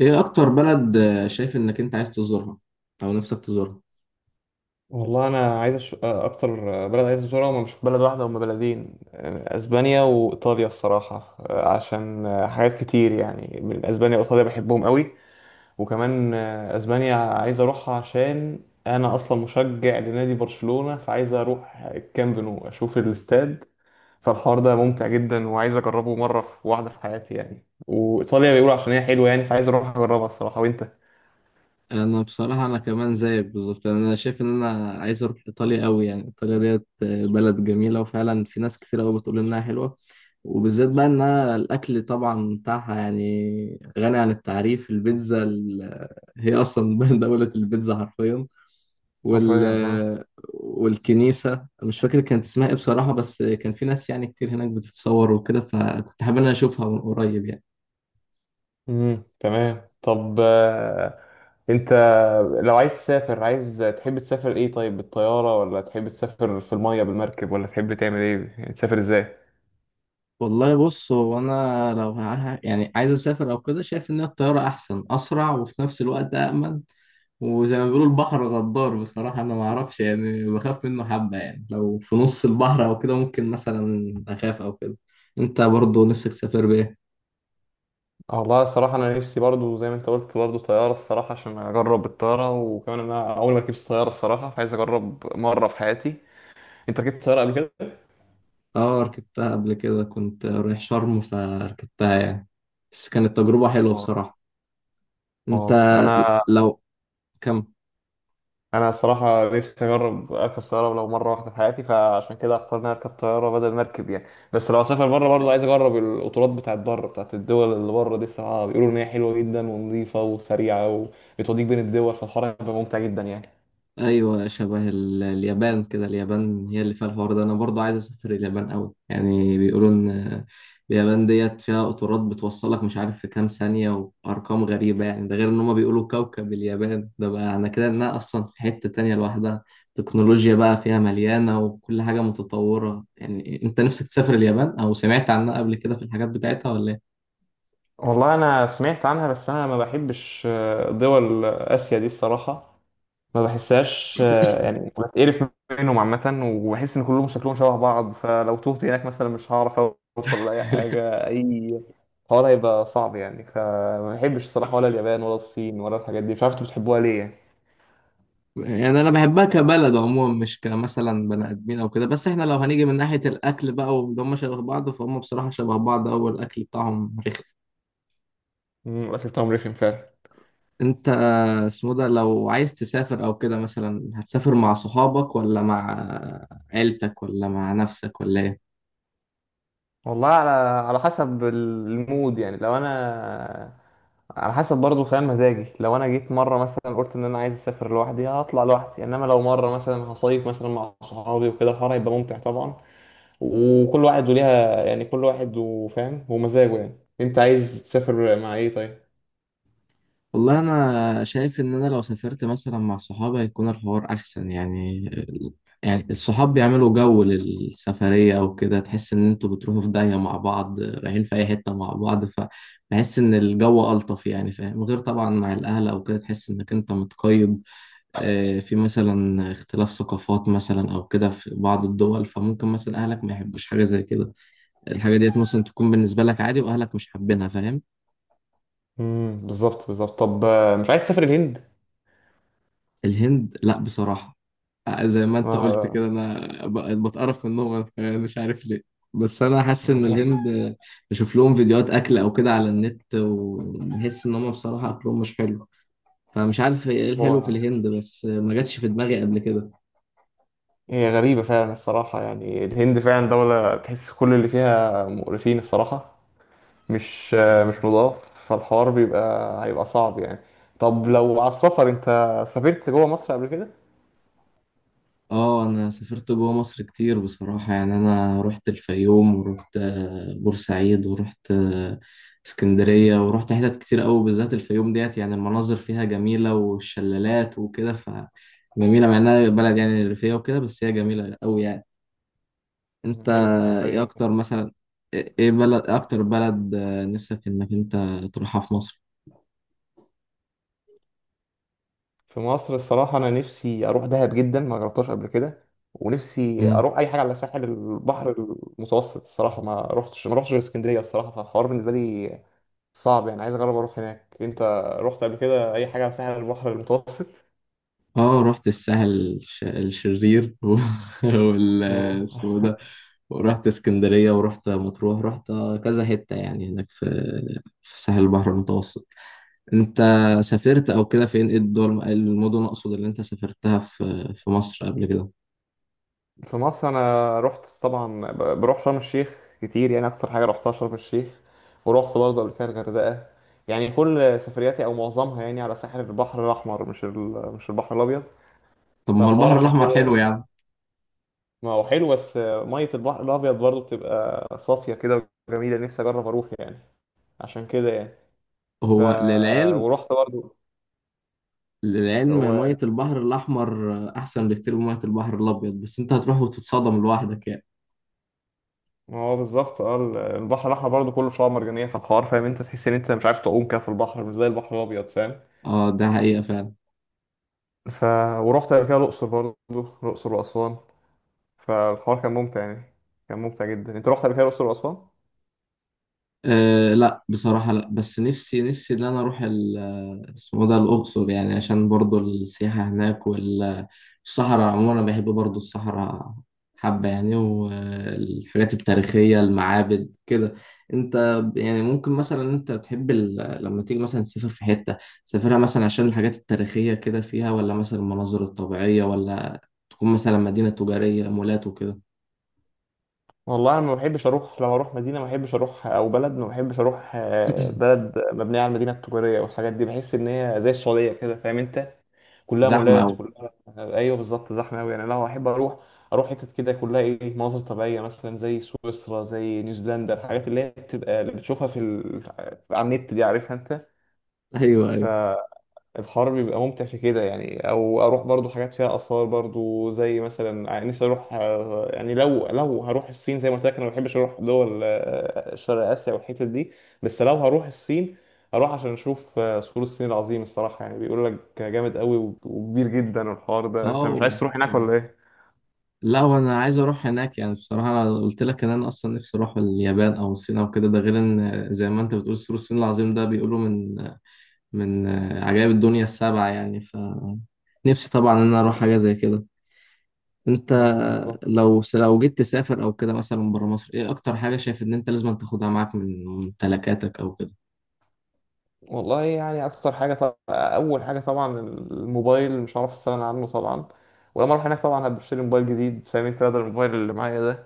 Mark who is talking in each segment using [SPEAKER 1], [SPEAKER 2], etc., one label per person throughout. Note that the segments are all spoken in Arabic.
[SPEAKER 1] ايه اكتر بلد شايف انك انت عايز تزورها او نفسك تزورها.
[SPEAKER 2] والله انا عايز اكتر بلد عايز ازورها، هم مش بلد واحده، هم بلدين، اسبانيا وايطاليا الصراحه، عشان حاجات كتير يعني، من اسبانيا وايطاليا بحبهم قوي. وكمان اسبانيا عايز اروحها، عشان انا اصلا مشجع لنادي برشلونه، فعايز اروح الكامب نو اشوف الاستاد، فالحوار ده ممتع جدا، وعايز اجربه مره في واحده في حياتي يعني. وايطاليا بيقولوا عشان هي حلوه يعني، فعايز اروح اجربها الصراحه. وانت؟
[SPEAKER 1] انا بصراحه انا كمان زيك بالظبط، يعني انا شايف ان انا عايز اروح ايطاليا قوي. يعني ايطاليا ديت بلد جميله، وفعلا في ناس كتير قوي بتقول انها حلوه. وبالذات بقى انها الاكل طبعا بتاعها يعني غني عن التعريف. البيتزا هي اصلا دوله البيتزا حرفيا. وال
[SPEAKER 2] حرفيا آه.
[SPEAKER 1] والكنيسه مش فاكر كانت اسمها ايه بصراحه، بس كان في ناس يعني كتير هناك بتتصور وكده، فكنت حابب ان انا اشوفها من قريب يعني.
[SPEAKER 2] امم، تمام. طب انت لو عايز تسافر، عايز تحب تسافر ايه؟ طيب، بالطيارة ولا تحب تسافر في المية بالمركب، ولا تحب تعمل ايه يعني؟ تسافر ازاي؟
[SPEAKER 1] والله بص، هو انا لو يعني عايز اسافر او كده، شايف ان الطياره احسن، اسرع، وفي نفس الوقت امن. وزي ما بيقولوا البحر غدار. بصراحه انا ما اعرفش، يعني بخاف منه حبه، يعني لو في نص البحر او كده ممكن مثلا اخاف او كده. انت برضو نفسك تسافر بايه؟
[SPEAKER 2] اه، والله الصراحة أنا نفسي برضو زي ما أنت قلت، برضو طيارة، الصراحة عشان أجرب الطيارة. وكمان أنا أول ما ركبت طيارة الصراحة، عايز أجرب مرة في حياتي. أنت ركبت طيارة قبل كده؟
[SPEAKER 1] اه، ركبتها قبل كده، كنت رايح شرم فركبتها يعني. بس كانت تجربه حلوه
[SPEAKER 2] اه،
[SPEAKER 1] بصراحه.
[SPEAKER 2] اه.
[SPEAKER 1] انت.
[SPEAKER 2] أنا
[SPEAKER 1] لو. كمل.
[SPEAKER 2] انا الصراحه نفسي اجرب اركب طياره لو مره واحده في حياتي، فعشان كده اختار ان أنا اركب طياره بدل ما اركب يعني. بس لو اسافر بره، برضه عايز اجرب القطارات بتاعت بره، بتاعت الدول اللي بره دي، الصراحه بيقولوا ان هي حلوه جدا ونظيفه وسريعه، وبتوديك بين الدول، فالحوار هيبقى ممتع جدا يعني.
[SPEAKER 1] ايوه، شبه اليابان كده. اليابان هي اللي فيها الحوار ده. انا برضو عايز اسافر اليابان قوي، يعني بيقولوا ان اليابان ديت فيها قطارات بتوصلك مش عارف في كام ثانية وارقام غريبة، يعني ده غير ان هما بيقولوا كوكب اليابان ده بقى، انا كده انها اصلا في حتة تانية لوحدها، تكنولوجيا بقى فيها مليانة وكل حاجة متطورة يعني. انت نفسك تسافر اليابان او سمعت عنها قبل كده في الحاجات بتاعتها ولا؟
[SPEAKER 2] والله انا سمعت عنها، بس انا ما بحبش دول اسيا دي الصراحه. ما بحسهاش يعني، بتقرف منهم عامة، وبحس إن كلهم شكلهم شبه بعض، فلو تهت هناك مثلا مش هعرف أوصل لأي حاجة. أي حوار هيبقى صعب يعني، فما بحبش الصراحة، ولا اليابان ولا الصين ولا الحاجات دي. مش عارف أنتوا بتحبوها ليه يعني.
[SPEAKER 1] يعني انا بحبها كبلد عموما، مش كمثلا بني ادمين او كده. بس احنا لو هنيجي من ناحيه الاكل بقى، وان هم شبه بعض، فهم بصراحه شبه بعض، او الاكل بتاعهم رخم.
[SPEAKER 2] الأكل بتاعهم رخم فعلا.
[SPEAKER 1] انت. اسمه ده، لو عايز تسافر او كده مثلا هتسافر مع صحابك ولا مع عيلتك ولا مع نفسك ولا ايه؟
[SPEAKER 2] والله، على حسب المود يعني. لو أنا، على حسب برضه فاهم مزاجي، لو انا جيت مره مثلا قلت ان انا عايز اسافر لوحدي، هطلع لوحدي. انما لو مره مثلا هصيف مثلا مع صحابي وكده، الحوار هيبقى ممتع طبعا. وكل واحد وليها يعني، كل واحد وفاهم ومزاجه يعني. انت عايز تسافر مع ايه طيب؟
[SPEAKER 1] والله انا شايف ان انا لو سافرت مثلا مع صحابي هيكون الحوار احسن يعني الصحاب بيعملوا جو للسفرية او كده، تحس ان انتوا بتروحوا في داهية مع بعض، رايحين في اي حتة مع بعض. فبحس ان الجو الطف يعني، فاهم، غير طبعا مع الاهل او كده تحس انك انت متقيد. في مثلا اختلاف ثقافات مثلا او كده في بعض الدول، فممكن مثلا اهلك ما يحبوش حاجة زي كده. الحاجة ديت مثلا تكون بالنسبة لك عادي، واهلك مش حابينها، فاهم.
[SPEAKER 2] امم، بالظبط، بالظبط. طب مش عايز تسافر الهند؟
[SPEAKER 1] الهند لا بصراحة. زي ما انت قلت كده
[SPEAKER 2] آه.
[SPEAKER 1] انا بقيت بتقرف منهم، انا كمان مش عارف ليه. بس انا حاسس ان
[SPEAKER 2] آه.
[SPEAKER 1] الهند، بشوف لهم فيديوهات اكل او كده على النت، وبحس ان هم بصراحة اكلهم مش حلو. فمش عارف ايه الحلو في
[SPEAKER 2] هو
[SPEAKER 1] الهند، بس ما جاتش في دماغي قبل
[SPEAKER 2] هي غريبة فعلا الصراحة. يعني الهند فعلا دولة تحس كل اللي فيها مقرفين الصراحة، مش
[SPEAKER 1] كده.
[SPEAKER 2] نضاف، فالحوار هيبقى صعب يعني. طب لو على السفر، انت سافرت جوه مصر قبل كده؟
[SPEAKER 1] اه، انا سافرت جوه مصر كتير بصراحة. يعني انا رحت الفيوم، ورحت بورسعيد، ورحت اسكندرية، ورحت حتت كتير قوي. بالذات الفيوم ديت يعني المناظر فيها جميلة والشلالات وكده، ف جميلة مع انها بلد يعني ريفية وكده، بس هي جميلة قوي يعني.
[SPEAKER 2] مم،
[SPEAKER 1] انت.
[SPEAKER 2] حلو
[SPEAKER 1] ايه
[SPEAKER 2] الفيوم.
[SPEAKER 1] اكتر مثلا ايه بلد إيه اكتر بلد نفسك انك انت تروحها في مصر؟
[SPEAKER 2] في مصر الصراحة أنا نفسي أروح دهب جدا، ما جربتهاش قبل كده. ونفسي
[SPEAKER 1] مم.
[SPEAKER 2] أروح أي حاجة على ساحل البحر المتوسط الصراحة. ما رحتش غير اسكندرية الصراحة، فالحوار بالنسبة لي صعب يعني، عايز أجرب أروح هناك. أنت رحت قبل كده أي حاجة على ساحل البحر المتوسط؟
[SPEAKER 1] اه، رحت الساحل الشرير وال
[SPEAKER 2] مم.
[SPEAKER 1] اسمه إيه ده؟ ورحت اسكندرية ورحت مطروح، رحت كذا حتة يعني هناك في ساحل البحر المتوسط. انت سافرت او كده فين؟ ايه الدول إيه المدن اقصد اللي انت سافرتها في مصر قبل كده؟
[SPEAKER 2] في مصر أنا رحت طبعا، بروح شرم الشيخ كتير يعني، أكتر حاجة رحتها شرم الشيخ. ورحت برضه قبل كده الغردقة، يعني كل سفرياتي أو معظمها يعني على ساحل البحر الأحمر، مش البحر الأبيض.
[SPEAKER 1] طب ما هو
[SPEAKER 2] فالحوار
[SPEAKER 1] البحر
[SPEAKER 2] عشان
[SPEAKER 1] الاحمر
[SPEAKER 2] كده،
[SPEAKER 1] حلو يعني.
[SPEAKER 2] ما هو حلو، بس مية البحر الأبيض برضه بتبقى صافية كده وجميلة، نفسي أجرب أروح يعني، عشان كده يعني. ف
[SPEAKER 1] هو للعلم
[SPEAKER 2] ورحت برضه.
[SPEAKER 1] للعلم
[SPEAKER 2] هو
[SPEAKER 1] مية البحر الاحمر احسن بكتير من مية البحر الابيض، بس انت هتروح وتتصدم لوحدك يعني.
[SPEAKER 2] ما هو بالظبط. البحر الأحمر برضه كله شعاب مرجانية في الحوار، فاهم أنت، تحس إن أنت مش عارف تعوم كده في البحر، مش زي البحر الأبيض، فاهم.
[SPEAKER 1] اه، ده حقيقة فعلا.
[SPEAKER 2] ف ورحت قبل كده الأقصر برضه، الأقصر وأسوان، فالحوار كان ممتع يعني، كان ممتع جدا. أنت رحت قبل كده الأقصر وأسوان؟
[SPEAKER 1] أه لا، بصراحة لا. بس نفسي إن أنا أروح اسمه ده، الأقصر يعني، عشان برضو السياحة هناك والصحراء. عموما أنا بحب برضو الصحراء حبة يعني، والحاجات التاريخية، المعابد كده. أنت. يعني ممكن مثلا أنت تحب لما تيجي مثلا تسافر في حتة، تسافرها مثلا عشان الحاجات التاريخية كده فيها، ولا مثلا المناظر الطبيعية، ولا تكون مثلا مدينة تجارية، مولات وكده؟
[SPEAKER 2] والله انا ما بحبش اروح، لو اروح مدينه ما بحبش اروح، او بلد ما بحبش اروح، بلد مبنيه على المدينه التجاريه والحاجات دي. بحس ان هي زي السعوديه كده، فاهم انت، كلها
[SPEAKER 1] زحمة
[SPEAKER 2] مولات،
[SPEAKER 1] أوي.
[SPEAKER 2] كلها ايوه بالظبط، زحمه قوي يعني. لو احب اروح، اروح حتت كده كلها ايه، مناظر طبيعيه مثلا زي سويسرا، زي نيوزيلندا، الحاجات اللي هي بتبقى اللي بتشوفها في على النت دي، عارفها انت.
[SPEAKER 1] أيوه أيوه.
[SPEAKER 2] الحر بيبقى ممتع في كده يعني. او اروح برضو حاجات فيها اثار برضو، زي مثلا يعني نفسي اروح يعني لو، هروح الصين، زي ما قلت لك انا ما بحبش اروح دول شرق اسيا والحتت دي. بس لو هروح الصين، هروح عشان اشوف سور الصين العظيم الصراحه، يعني بيقول لك جامد قوي وكبير جدا الحوار ده. انت مش
[SPEAKER 1] أه،
[SPEAKER 2] عايز تروح هناك ولا ايه؟
[SPEAKER 1] لا وانا عايز اروح هناك يعني. بصراحه انا قلت لك ان انا اصلا نفسي اروح اليابان او الصين او كده. ده غير ان زي ما انت بتقول سور الصين العظيم ده بيقولوا من عجائب الدنيا السبعه يعني، فنفسي طبعا ان انا اروح حاجه زي كده. انت.
[SPEAKER 2] مم، بالظبط.
[SPEAKER 1] لو جيت تسافر او كده مثلا بره مصر، ايه اكتر حاجه شايف ان انت لازم تاخدها معاك من ممتلكاتك او كده؟
[SPEAKER 2] والله يعني اكتر حاجه طبعا، اول حاجه طبعا الموبايل، مش هعرف استغنى عنه طبعا. ولما اروح هناك طبعا هبقى اشتري موبايل جديد فاهم انت، بدل الموبايل اللي معايا ده.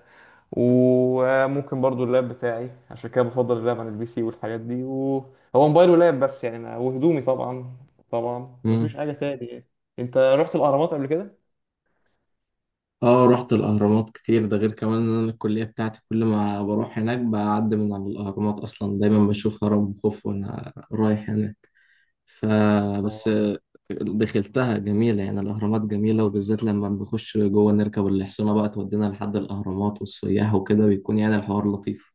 [SPEAKER 2] وممكن برضو اللاب بتاعي، عشان كده بفضل اللاب عن البي سي والحاجات دي، وهو موبايل ولاب بس يعني، أنا وهدومي طبعا، طبعا مفيش
[SPEAKER 1] مم.
[SPEAKER 2] حاجة تاني يعني. انت رحت الأهرامات قبل كده؟
[SPEAKER 1] اه، رحت الاهرامات كتير. ده غير كمان ان انا الكليه بتاعتي كل ما بروح هناك بعدي من على الاهرامات، اصلا دايما بشوف هرم خوف وانا رايح هناك، فبس.
[SPEAKER 2] واو.
[SPEAKER 1] دخلتها جميلة يعني، الأهرامات جميلة، وبالذات لما بنخش جوه نركب الحصينة بقى تودينا لحد الأهرامات، والسياح وكده بيكون يعني الحوار لطيف.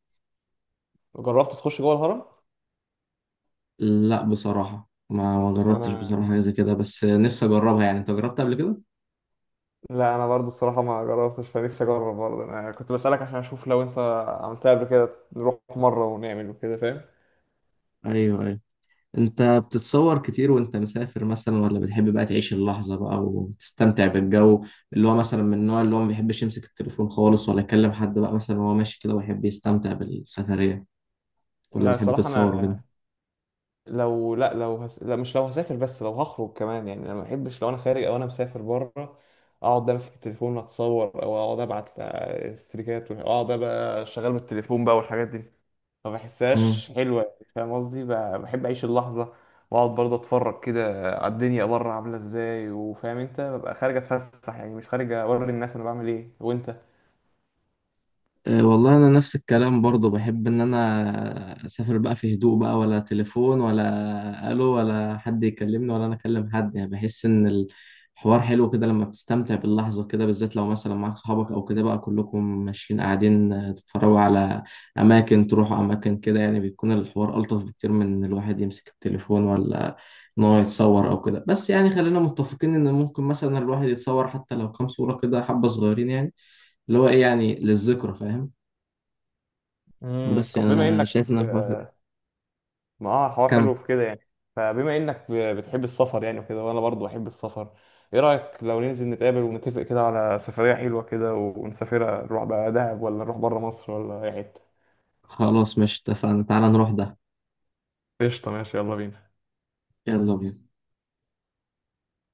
[SPEAKER 2] جربت تخش جوه الهرم؟
[SPEAKER 1] لا بصراحة، ما جربتش
[SPEAKER 2] انا
[SPEAKER 1] بصراحة حاجة زي كده، بس نفسي أجربها يعني. أنت جربت قبل كده؟
[SPEAKER 2] لا، انا برضو الصراحة ما جربتش، فنفسي اجرب برضو. انا كنت بسألك عشان اشوف لو انت عملتها قبل كده، نروح مرة ونعمل وكده، فاهم؟
[SPEAKER 1] أيوه أيوه. أنت بتتصور كتير وأنت مسافر مثلا، ولا بتحب بقى تعيش اللحظة بقى وتستمتع بالجو، اللي هو مثلا من النوع اللي هو ما بيحبش يمسك التليفون خالص ولا يكلم حد بقى مثلا وهو ماشي كده ويحب يستمتع بالسفرية، ولا
[SPEAKER 2] لا
[SPEAKER 1] بتحب
[SPEAKER 2] الصراحة
[SPEAKER 1] تتصور
[SPEAKER 2] انا، لا، لا، مش لو هسافر، بس لو هخرج كمان يعني. انا ما بحبش لو انا خارج او انا مسافر بره اقعد امسك التليفون اتصور، او اقعد ابعت ستريكات واقعد بقى شغال بالتليفون بقى والحاجات دي، ما
[SPEAKER 1] كده؟
[SPEAKER 2] بحسهاش حلوه يعني، فاهم قصدي؟ بحب اعيش اللحظه، واقعد برضه اتفرج كده على الدنيا بره عامله ازاي، وفاهم انت ببقى خارج اتفسح يعني، مش خارج اوري الناس انا بعمل ايه. وانت؟
[SPEAKER 1] أه، والله انا نفس الكلام برضو. بحب ان انا اسافر بقى في هدوء بقى، ولا تليفون ولا الو ولا حد يكلمني ولا انا اكلم حد. يعني بحس ان الحوار حلو كده لما بتستمتع باللحظة كده، بالذات لو مثلا معاك صحابك او كده بقى كلكم ماشيين قاعدين، تتفرجوا على اماكن، تروحوا اماكن كده، يعني بيكون الحوار الطف بكتير من ان الواحد يمسك التليفون ولا ان هو يتصور او كده. بس يعني خلينا متفقين ان ممكن مثلا الواحد يتصور حتى لو كام صورة كده حبة صغيرين يعني، اللي هو ايه يعني للذكرى، فاهم.
[SPEAKER 2] امم،
[SPEAKER 1] بس
[SPEAKER 2] طب
[SPEAKER 1] يعني
[SPEAKER 2] بما
[SPEAKER 1] انا
[SPEAKER 2] انك،
[SPEAKER 1] شايف ان الحوار
[SPEAKER 2] ما اه الحوار
[SPEAKER 1] كم
[SPEAKER 2] حلو في كده يعني. فبما انك بتحب السفر يعني وكده، وانا برضو بحب السفر، ايه رأيك لو ننزل نتقابل ونتفق كده على سفرية حلوة كده ونسافرها، نروح بقى دهب، ولا نروح بره مصر، ولا اي حتة؟
[SPEAKER 1] خلاص، مش اتفقنا؟ تعالى نروح ده.
[SPEAKER 2] قشطة، ماشي، يلا بينا.
[SPEAKER 1] يلا بينا.